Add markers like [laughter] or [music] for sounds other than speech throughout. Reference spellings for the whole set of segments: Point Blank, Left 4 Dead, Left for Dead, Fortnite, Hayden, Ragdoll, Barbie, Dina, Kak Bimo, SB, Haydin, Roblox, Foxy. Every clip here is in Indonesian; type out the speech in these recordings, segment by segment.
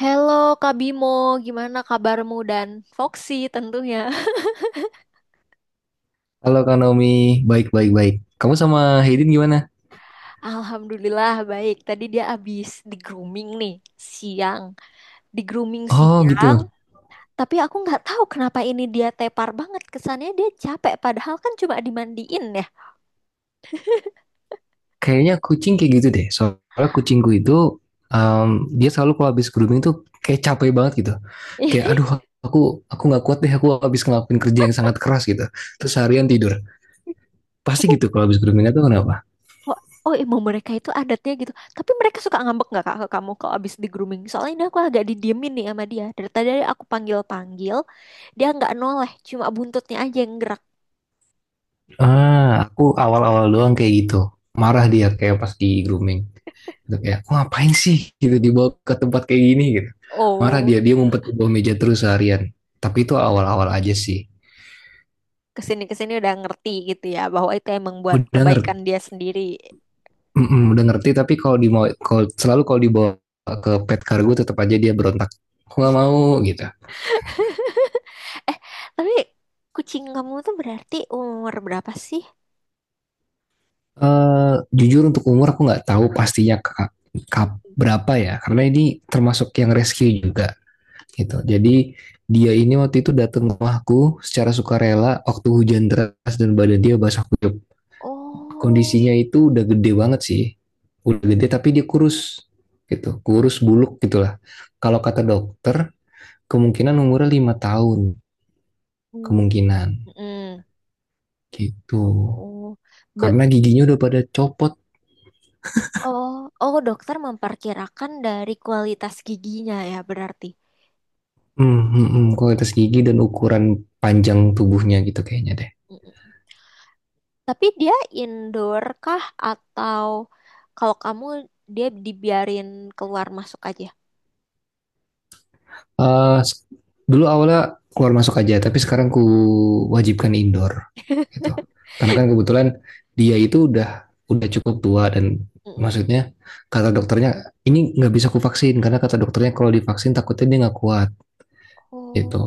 Halo Kak Bimo, gimana kabarmu dan Foxy tentunya? [laughs] Halo Kak Naomi, baik baik baik. Kamu sama Haydin gimana? Alhamdulillah baik. Tadi dia habis di grooming nih siang, di grooming Oh gitu. siang. Tapi aku nggak tahu kenapa ini dia tepar banget. Kesannya dia capek, padahal kan cuma dimandiin ya. Kayaknya kucing kayak gitu deh. Soalnya kucingku itu em, dia selalu kalau habis grooming tuh kayak capek banget gitu. Kayak aduh [laughs] aku aku nggak kuat deh, aku habis ngelakuin kerja yang sangat keras gitu. Terus seharian tidur. Pasti Oh, gitu kalau habis grooming tuh, kenapa? oh, oh, emang mereka itu adatnya gitu. Tapi mereka suka ngambek nggak Kak ke kamu kalau abis di grooming? Soalnya ini aku agak didiemin nih sama dia. Dari tadi aku panggil-panggil, dia nggak noleh, cuma buntutnya aja yang gerak. Ah, aku awal-awal doang kayak gitu. Marah dia kayak pas di grooming. Gitu, kayak, aku ngapain sih gitu dibawa ke tempat kayak gini gitu. Marah Oh. dia, dia ngumpet di bawah meja terus seharian. Tapi itu awal-awal aja sih. Kesini kesini udah ngerti gitu ya bahwa itu emang buat Udah ngerti, kebaikan dia sendiri. udah ngerti, tapi kalau di kalau selalu kalau dibawa ke pet kargo tetap aja dia berontak. Aku nggak mau gitu. Eh, tapi kucing kamu tuh berarti umur berapa sih? Eh, jujur untuk umur aku nggak tahu pastinya, Kak, berapa ya, karena ini termasuk yang rescue juga gitu. Jadi dia ini waktu itu datang ke rumahku secara sukarela waktu hujan deras dan badan dia basah kuyup. Oh, Kondisinya itu udah gede banget sih. Udah gede tapi dia kurus gitu. Kurus buluk gitulah. Kalau kata dokter, kemungkinan umurnya 5 tahun, mm, kemungkinan mm, gitu. oh, Be- Karena giginya udah pada copot. oh, oh, dokter memperkirakan dari kualitas giginya ya berarti. Hmm, hmm, hmm, kualitas gigi dan ukuran panjang tubuhnya gitu kayaknya deh. Mm. Tapi dia indoor kah atau kalau kamu dia dibiarin keluar masuk aja? Eh, dulu awalnya keluar masuk aja, tapi sekarang ku wajibkan indoor gitu. Karena kan kebetulan dia itu udah cukup tua dan Mm. maksudnya kata dokternya, ini nggak bisa ku vaksin karena kata dokternya kalau divaksin takutnya dia nggak kuat Oh. gitu.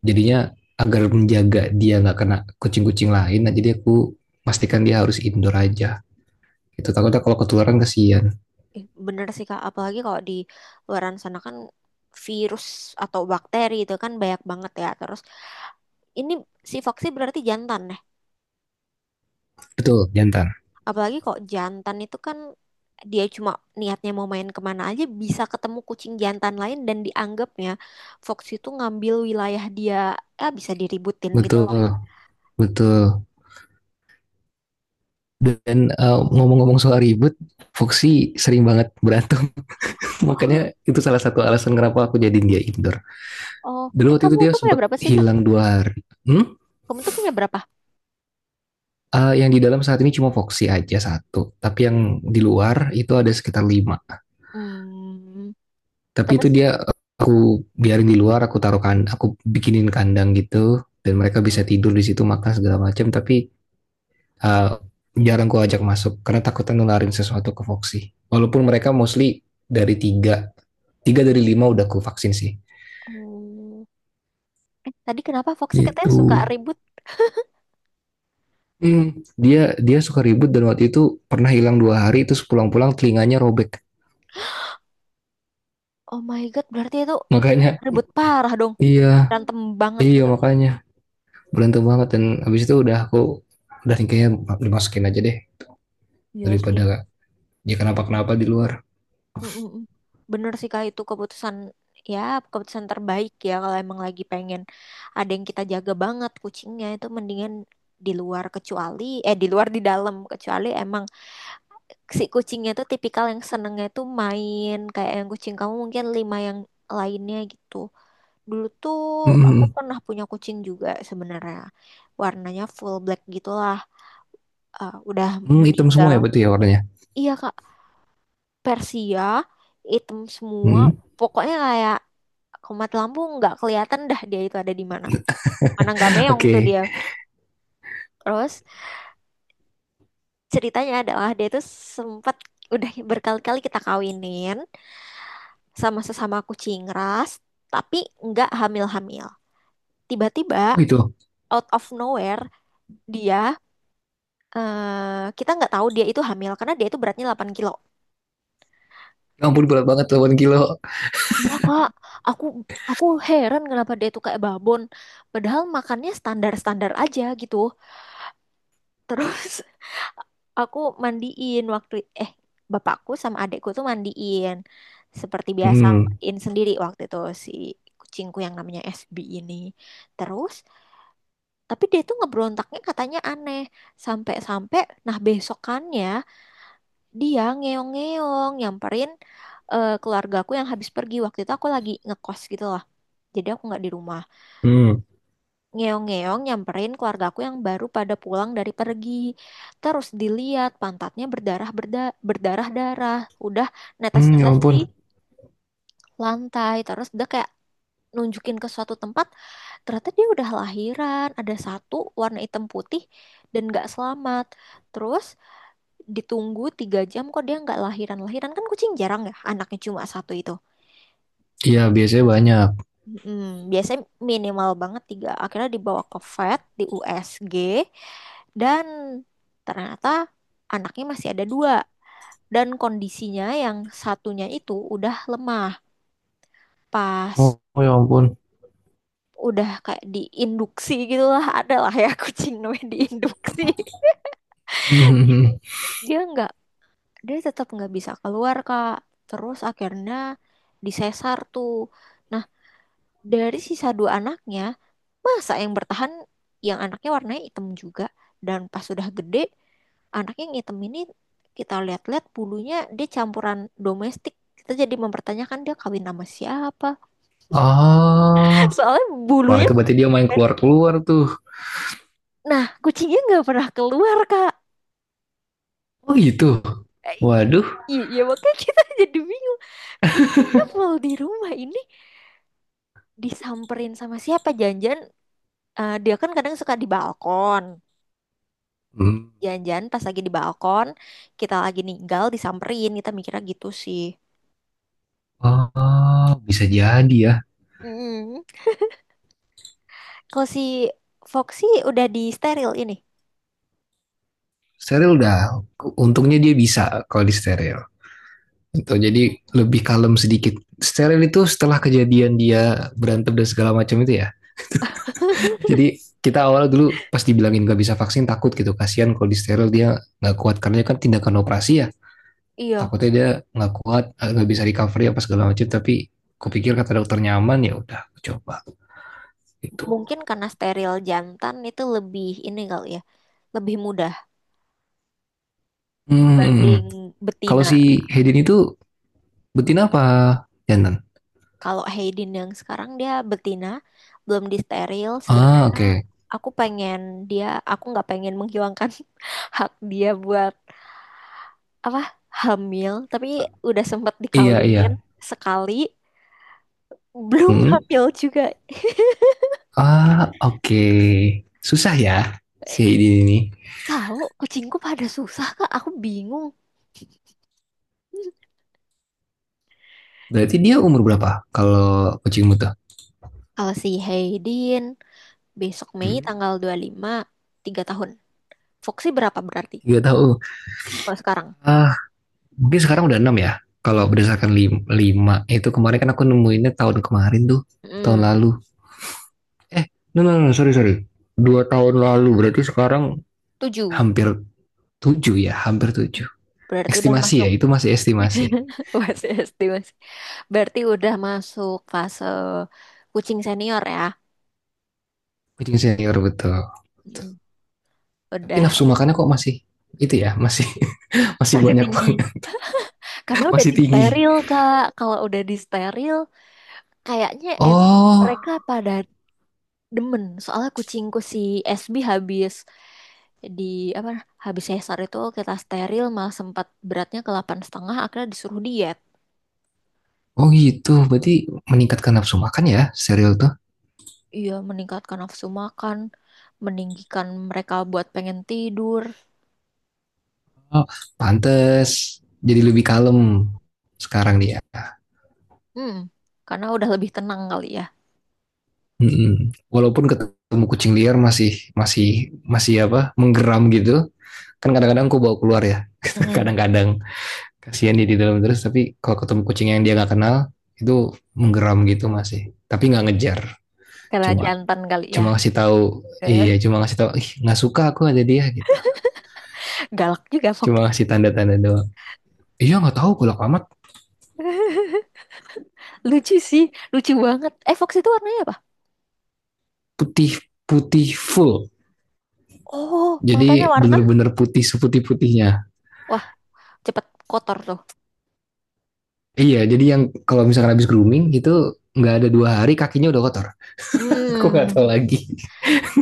Jadinya agar menjaga dia nggak kena kucing-kucing lain, nah jadi aku pastikan dia harus indoor aja. Itu takutnya kalau ketularan kasihan. Ih, bener sih Kak, apalagi kalau di luaran sana kan virus atau bakteri itu kan banyak banget ya. Terus ini si Foxy berarti jantan nih. Betul, jantan. Apalagi kok jantan itu kan dia cuma niatnya mau main kemana aja bisa ketemu kucing jantan lain dan dianggapnya Foxy itu ngambil wilayah dia, eh bisa diributin gitu lah. Betul, betul. Dan ngomong-ngomong soal ribut, Foxy sering banget berantem. [laughs] Oh, Makanya itu salah satu alasan kenapa aku jadiin dia indoor. oh, eh Dulu waktu itu kamu dia tuh punya sempat berapa sih Kak? hilang 2 hari. Hmm? Kamu tuh punya berapa? Yang di dalam saat ini cuma Foxy aja satu. Tapi yang di luar itu ada sekitar lima. Hmm, Tapi itu terus, dia, aku biarin di luar, aku taruh kan, aku bikinin kandang gitu. Dan mereka bisa tidur di situ, makan segala macam. Tapi uh, jarang aku ajak masuk karena takut nularin sesuatu ke Foxy. Walaupun mereka mostly dari tiga tiga dari lima udah ku vaksin sih. oh, eh tadi kenapa Foxy katanya Itu suka ribut? hmm. dia dia suka ribut, dan waktu itu pernah hilang 2 hari terus pulang-pulang telinganya robek, Oh my God, berarti itu makanya ribut parah dong. iya, Berantem banget iya, gitu. makanya berantem banget. Dan habis itu, udah nih kayaknya dimasukin aja deh, Iya sih. daripada dia kenapa-kenapa di luar. Mm-mm. Bener sih Kak, itu keputusan, ya, keputusan terbaik ya kalau emang lagi pengen ada yang kita jaga banget kucingnya itu mendingan di luar kecuali, eh, di luar di dalam kecuali emang si kucingnya tuh tipikal yang senengnya tuh main kayak yang kucing kamu mungkin lima yang lainnya gitu. Dulu tuh aku hmm. pernah punya kucing juga sebenarnya. Warnanya full black gitulah. Eh, udah Hmm, hitam semua meninggal. ya, betul ya warnanya. Iya Kak, Persia, hitam semua. hmm. Pokoknya kayak kumat lampu nggak kelihatan dah dia itu ada di mana. Mana nggak Oke, meong okay. tuh dia. Terus ceritanya adalah dia itu sempat udah berkali-kali kita kawinin sama sesama kucing ras, tapi nggak hamil-hamil. Tiba-tiba Oh, itu out of nowhere dia, eh, kita nggak tahu dia itu hamil karena dia itu beratnya 8 kilo. ya ampun, berat banget 8 kilo. Ya kak, aku aku heran kenapa dia itu kayak babon. Padahal makannya standar-standar aja gitu. Terus [laughs] aku mandiin waktu, eh, bapakku sama adekku tuh mandiin seperti biasa hmm. mandiin sendiri waktu itu si kucingku yang namanya SB ini. Terus tapi dia tuh ngebrontaknya katanya aneh sampai-sampai nah besokannya dia ngeong-ngeong nyamperin, eh, keluargaku yang habis pergi waktu itu aku lagi ngekos gitu lah. Jadi aku nggak di rumah. Hmm. Ngeong-ngeong nyamperin keluargaku yang baru pada pulang dari pergi. Terus dilihat pantatnya berdarah berdarah-darah. Udah Hmm, ya netes-netes di ampun. lantai. Terus dia kayak nunjukin ke suatu tempat. Ternyata dia udah lahiran. Ada satu warna hitam putih dan nggak selamat. Terus ditunggu 3 jam kok dia nggak lahiran. Lahiran kan kucing jarang ya. Anaknya cuma satu itu. Iya, biasanya banyak. Mm, biasanya minimal banget tiga. Akhirnya dibawa ke vet, di USG, dan ternyata anaknya masih ada dua dan kondisinya yang satunya itu udah lemah. Pas Oh, oh ya ampun. udah kayak diinduksi gitu lah, [laughs] ada lah ya kucing namanya diinduksi. [laughs] Hmm. [laughs] Dia nggak, dia tetap nggak bisa keluar Kak. Terus akhirnya disesar tuh. Nah, dari sisa dua anaknya, masa yang bertahan yang anaknya warnanya hitam juga. Dan pas sudah gede, anaknya yang hitam ini kita lihat-lihat bulunya dia campuran domestik. Kita jadi mempertanyakan dia kawin sama siapa. [laughs] Ah. Soalnya Wah, bulunya. itu berarti dia main keluar-keluar tuh. Nah, kucingnya nggak pernah keluar, Kak. Oh gitu. Eh, Waduh. iya, iya, makanya kita [laughs] jadi bingung. Kucingnya full di rumah ini disamperin sama siapa? Janjian, eh, dia kan kadang suka di balkon. Hmm. Jangan-jangan pas lagi di balkon, kita lagi ninggal, disamperin, kita mikirnya gitu sih. Oh, bisa jadi ya. Mm. Kalau si Foxy udah di steril ini. Steril udah. Untungnya dia bisa kalau di steril. Itu jadi lebih kalem sedikit. Steril itu setelah kejadian dia berantem dan segala macam itu ya. Jadi kita awal dulu pas dibilangin gak bisa vaksin, takut gitu. Kasihan kalau di steril dia nggak kuat karena kan tindakan operasi ya. Iya, Takutnya dia nggak kuat, eh, nggak bisa recovery apa segala macam. Tapi kupikir kata dokter nyaman, ya udah, coba gitu. mungkin karena steril jantan itu lebih ini kali ya, lebih mudah Hmm, hmm, hmm. dibanding Kalau betina. si Hayden itu betina apa jantan? Kalau Hayden yang sekarang dia betina, belum di steril. Ah, Sebenarnya oke. Okay. aku pengen dia, aku nggak pengen menghilangkan [laughs] hak dia buat apa hamil, tapi udah sempet Iya, dikawinin iya. sekali. Belum Hmm? hamil juga. Ah, oke. Okay. Susah ya si Eh, Hayden ini. tahu, kucingku pada susah, Kak. Aku bingung. Hmm. Berarti dia umur berapa kalau kucing muta? Kalau si Haydin, besok Mei Hmm. tanggal 25 3 tahun. Foxy berapa berarti? Gak tahu. Kalau sekarang? Ah, mungkin sekarang udah 6 ya. Kalau berdasarkan lima, lima. Eh, itu kemarin kan aku nemuinnya tahun kemarin tuh, tahun Hmm, lalu. Eh, no, no, no, no, sorry, sorry. 2 tahun lalu berarti sekarang 7. hampir 7 ya, hampir 7. Berarti udah Estimasi masuk. ya, itu masih estimasi. [laughs] Masih SD, masih. Berarti udah masuk fase kucing senior ya. Kucing senior, betul. Mm, Tapi udah nafsu makannya emang. kok masih itu ya, masih [laughs] masih Masih banyak tinggi. banget, Karena udah masih tinggi. disteril, Kak. Kalau udah disteril, kayaknya Oh, mereka pada demen soalnya kucingku si SB habis di apa habis sesar itu kita steril malah sempat beratnya ke 8,5 akhirnya disuruh diet. oh gitu. Berarti meningkatkan nafsu makan ya serial tuh. Iya, meningkatkan nafsu makan, meninggikan mereka buat pengen tidur. Oh, pantes jadi lebih kalem sekarang dia. Hmm, karena udah lebih tenang kali ya. Mm-mm. Walaupun ketemu kucing liar masih masih masih apa? Menggeram gitu. Kan kadang-kadang aku bawa keluar ya. [laughs] Mm, Kadang-kadang kasihan dia di dalam terus, tapi kalau ketemu kucing yang dia nggak kenal itu menggeram gitu masih. Tapi nggak ngejar. karena Cuma jantan kali ya. cuma ngasih tahu, iya Eh, cuma ngasih tahu, ih nggak suka aku ada dia gitu, galak juga cuma Fox. ngasih [laughs] tanda-tanda doang, iya nggak tahu kalau amat. Lucu sih, lucu banget. Eh, Fox itu warnanya apa? Putih Putih full, Oh, matanya jadi warna, bener-bener putih, seputih putihnya. wah, cepet kotor tuh. Iya, jadi yang kalau misalkan habis grooming itu nggak ada 2 hari kakinya udah kotor. [laughs] Aku nggak tahu Hmm, lagi.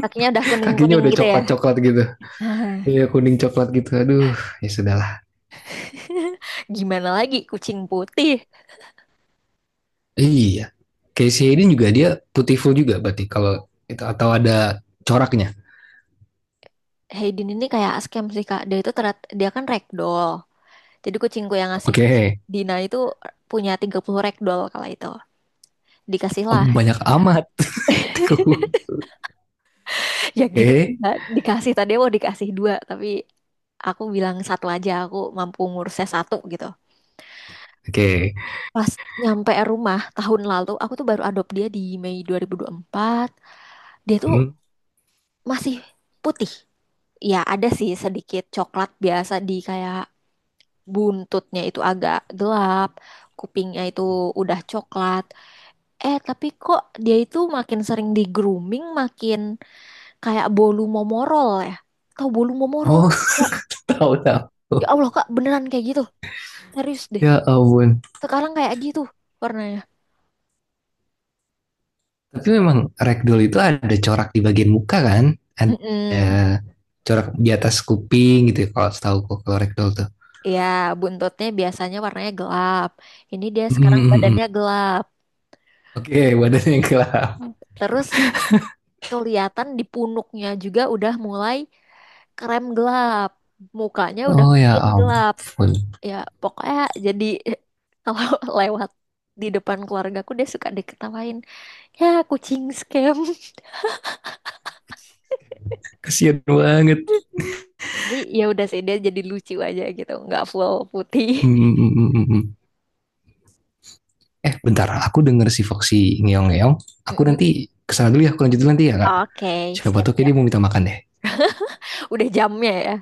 kakinya udah [laughs] kuning Kakinya kuning udah gitu ya. coklat coklat gitu. Nah, Iya kuning coklat gitu, aduh, ya sudahlah. [laughs] gimana lagi kucing putih? Iya Casey Hayden juga dia putih full juga, berarti, kalau itu atau ada coraknya. Hayden ini kayak scam sih Kak. Dia itu terat, dia kan ragdoll. Jadi kucingku yang Oke, ngasih itu si okay. Dina itu punya 30 ragdoll kala itu. Dikasih lah. [laughs] Banyak amat. [laughs] Oke, Ya gitu. okay. Kak. Dikasih, tadi mau dikasih dua, tapi aku bilang satu aja, aku mampu ngurusnya satu gitu. Oke. Pas nyampe rumah tahun lalu, aku tuh baru adopt dia di Mei dua dua ribu dua puluh empat. Dia tuh Hmm. masih putih. Ya ada sih sedikit coklat biasa di kayak buntutnya itu agak gelap, kupingnya itu udah coklat. Eh, tapi kok dia itu makin sering di grooming, makin kayak bolu momorol ya. Tahu bolu momorol? Oh, Nggak sih, Kak? [laughs] tahu, tahu. Ya Allah, Kak, beneran kayak gitu. Serius deh. Ya ampun. Sekarang kayak gitu warnanya. Tapi memang ragdoll itu ada corak di bagian muka kan? Ada Mm-mm. corak di atas kuping gitu ya, kalau setahu kok kalau ragdoll tuh. Ya, buntutnya biasanya warnanya gelap. Ini dia Hmm, sekarang hmm, hmm, hmm. badannya gelap. Oke, badannya gelap. Terus kelihatan di punuknya juga udah mulai krem gelap. Mukanya udah Oh ya makin gelap. ampun. Ya pokoknya jadi [laughs] kalau lewat di depan keluargaku dia suka diketawain, ya kucing scam. Kasian banget. [laughs] Tapi ya udah sih, dia jadi lucu aja gitu, nggak full putih. [laughs] Hmm, hmm, hmm, hmm, hmm, hmm. Eh, bentar. Aku denger si Foxy ngeong-ngeong. Aku Mm-mm. nanti kesana dulu ya. Aku lanjut dulu nanti ya, Kak. Oke, Siapa tuh, kayak siap-siap. dia mau minta makan deh. Udah jamnya ya.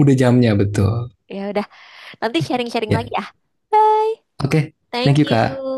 Udah jamnya, betul. Ya udah, nanti Oke. sharing-sharing Ya. lagi ya. Bye. Oke. Thank Thank you, you. Kak.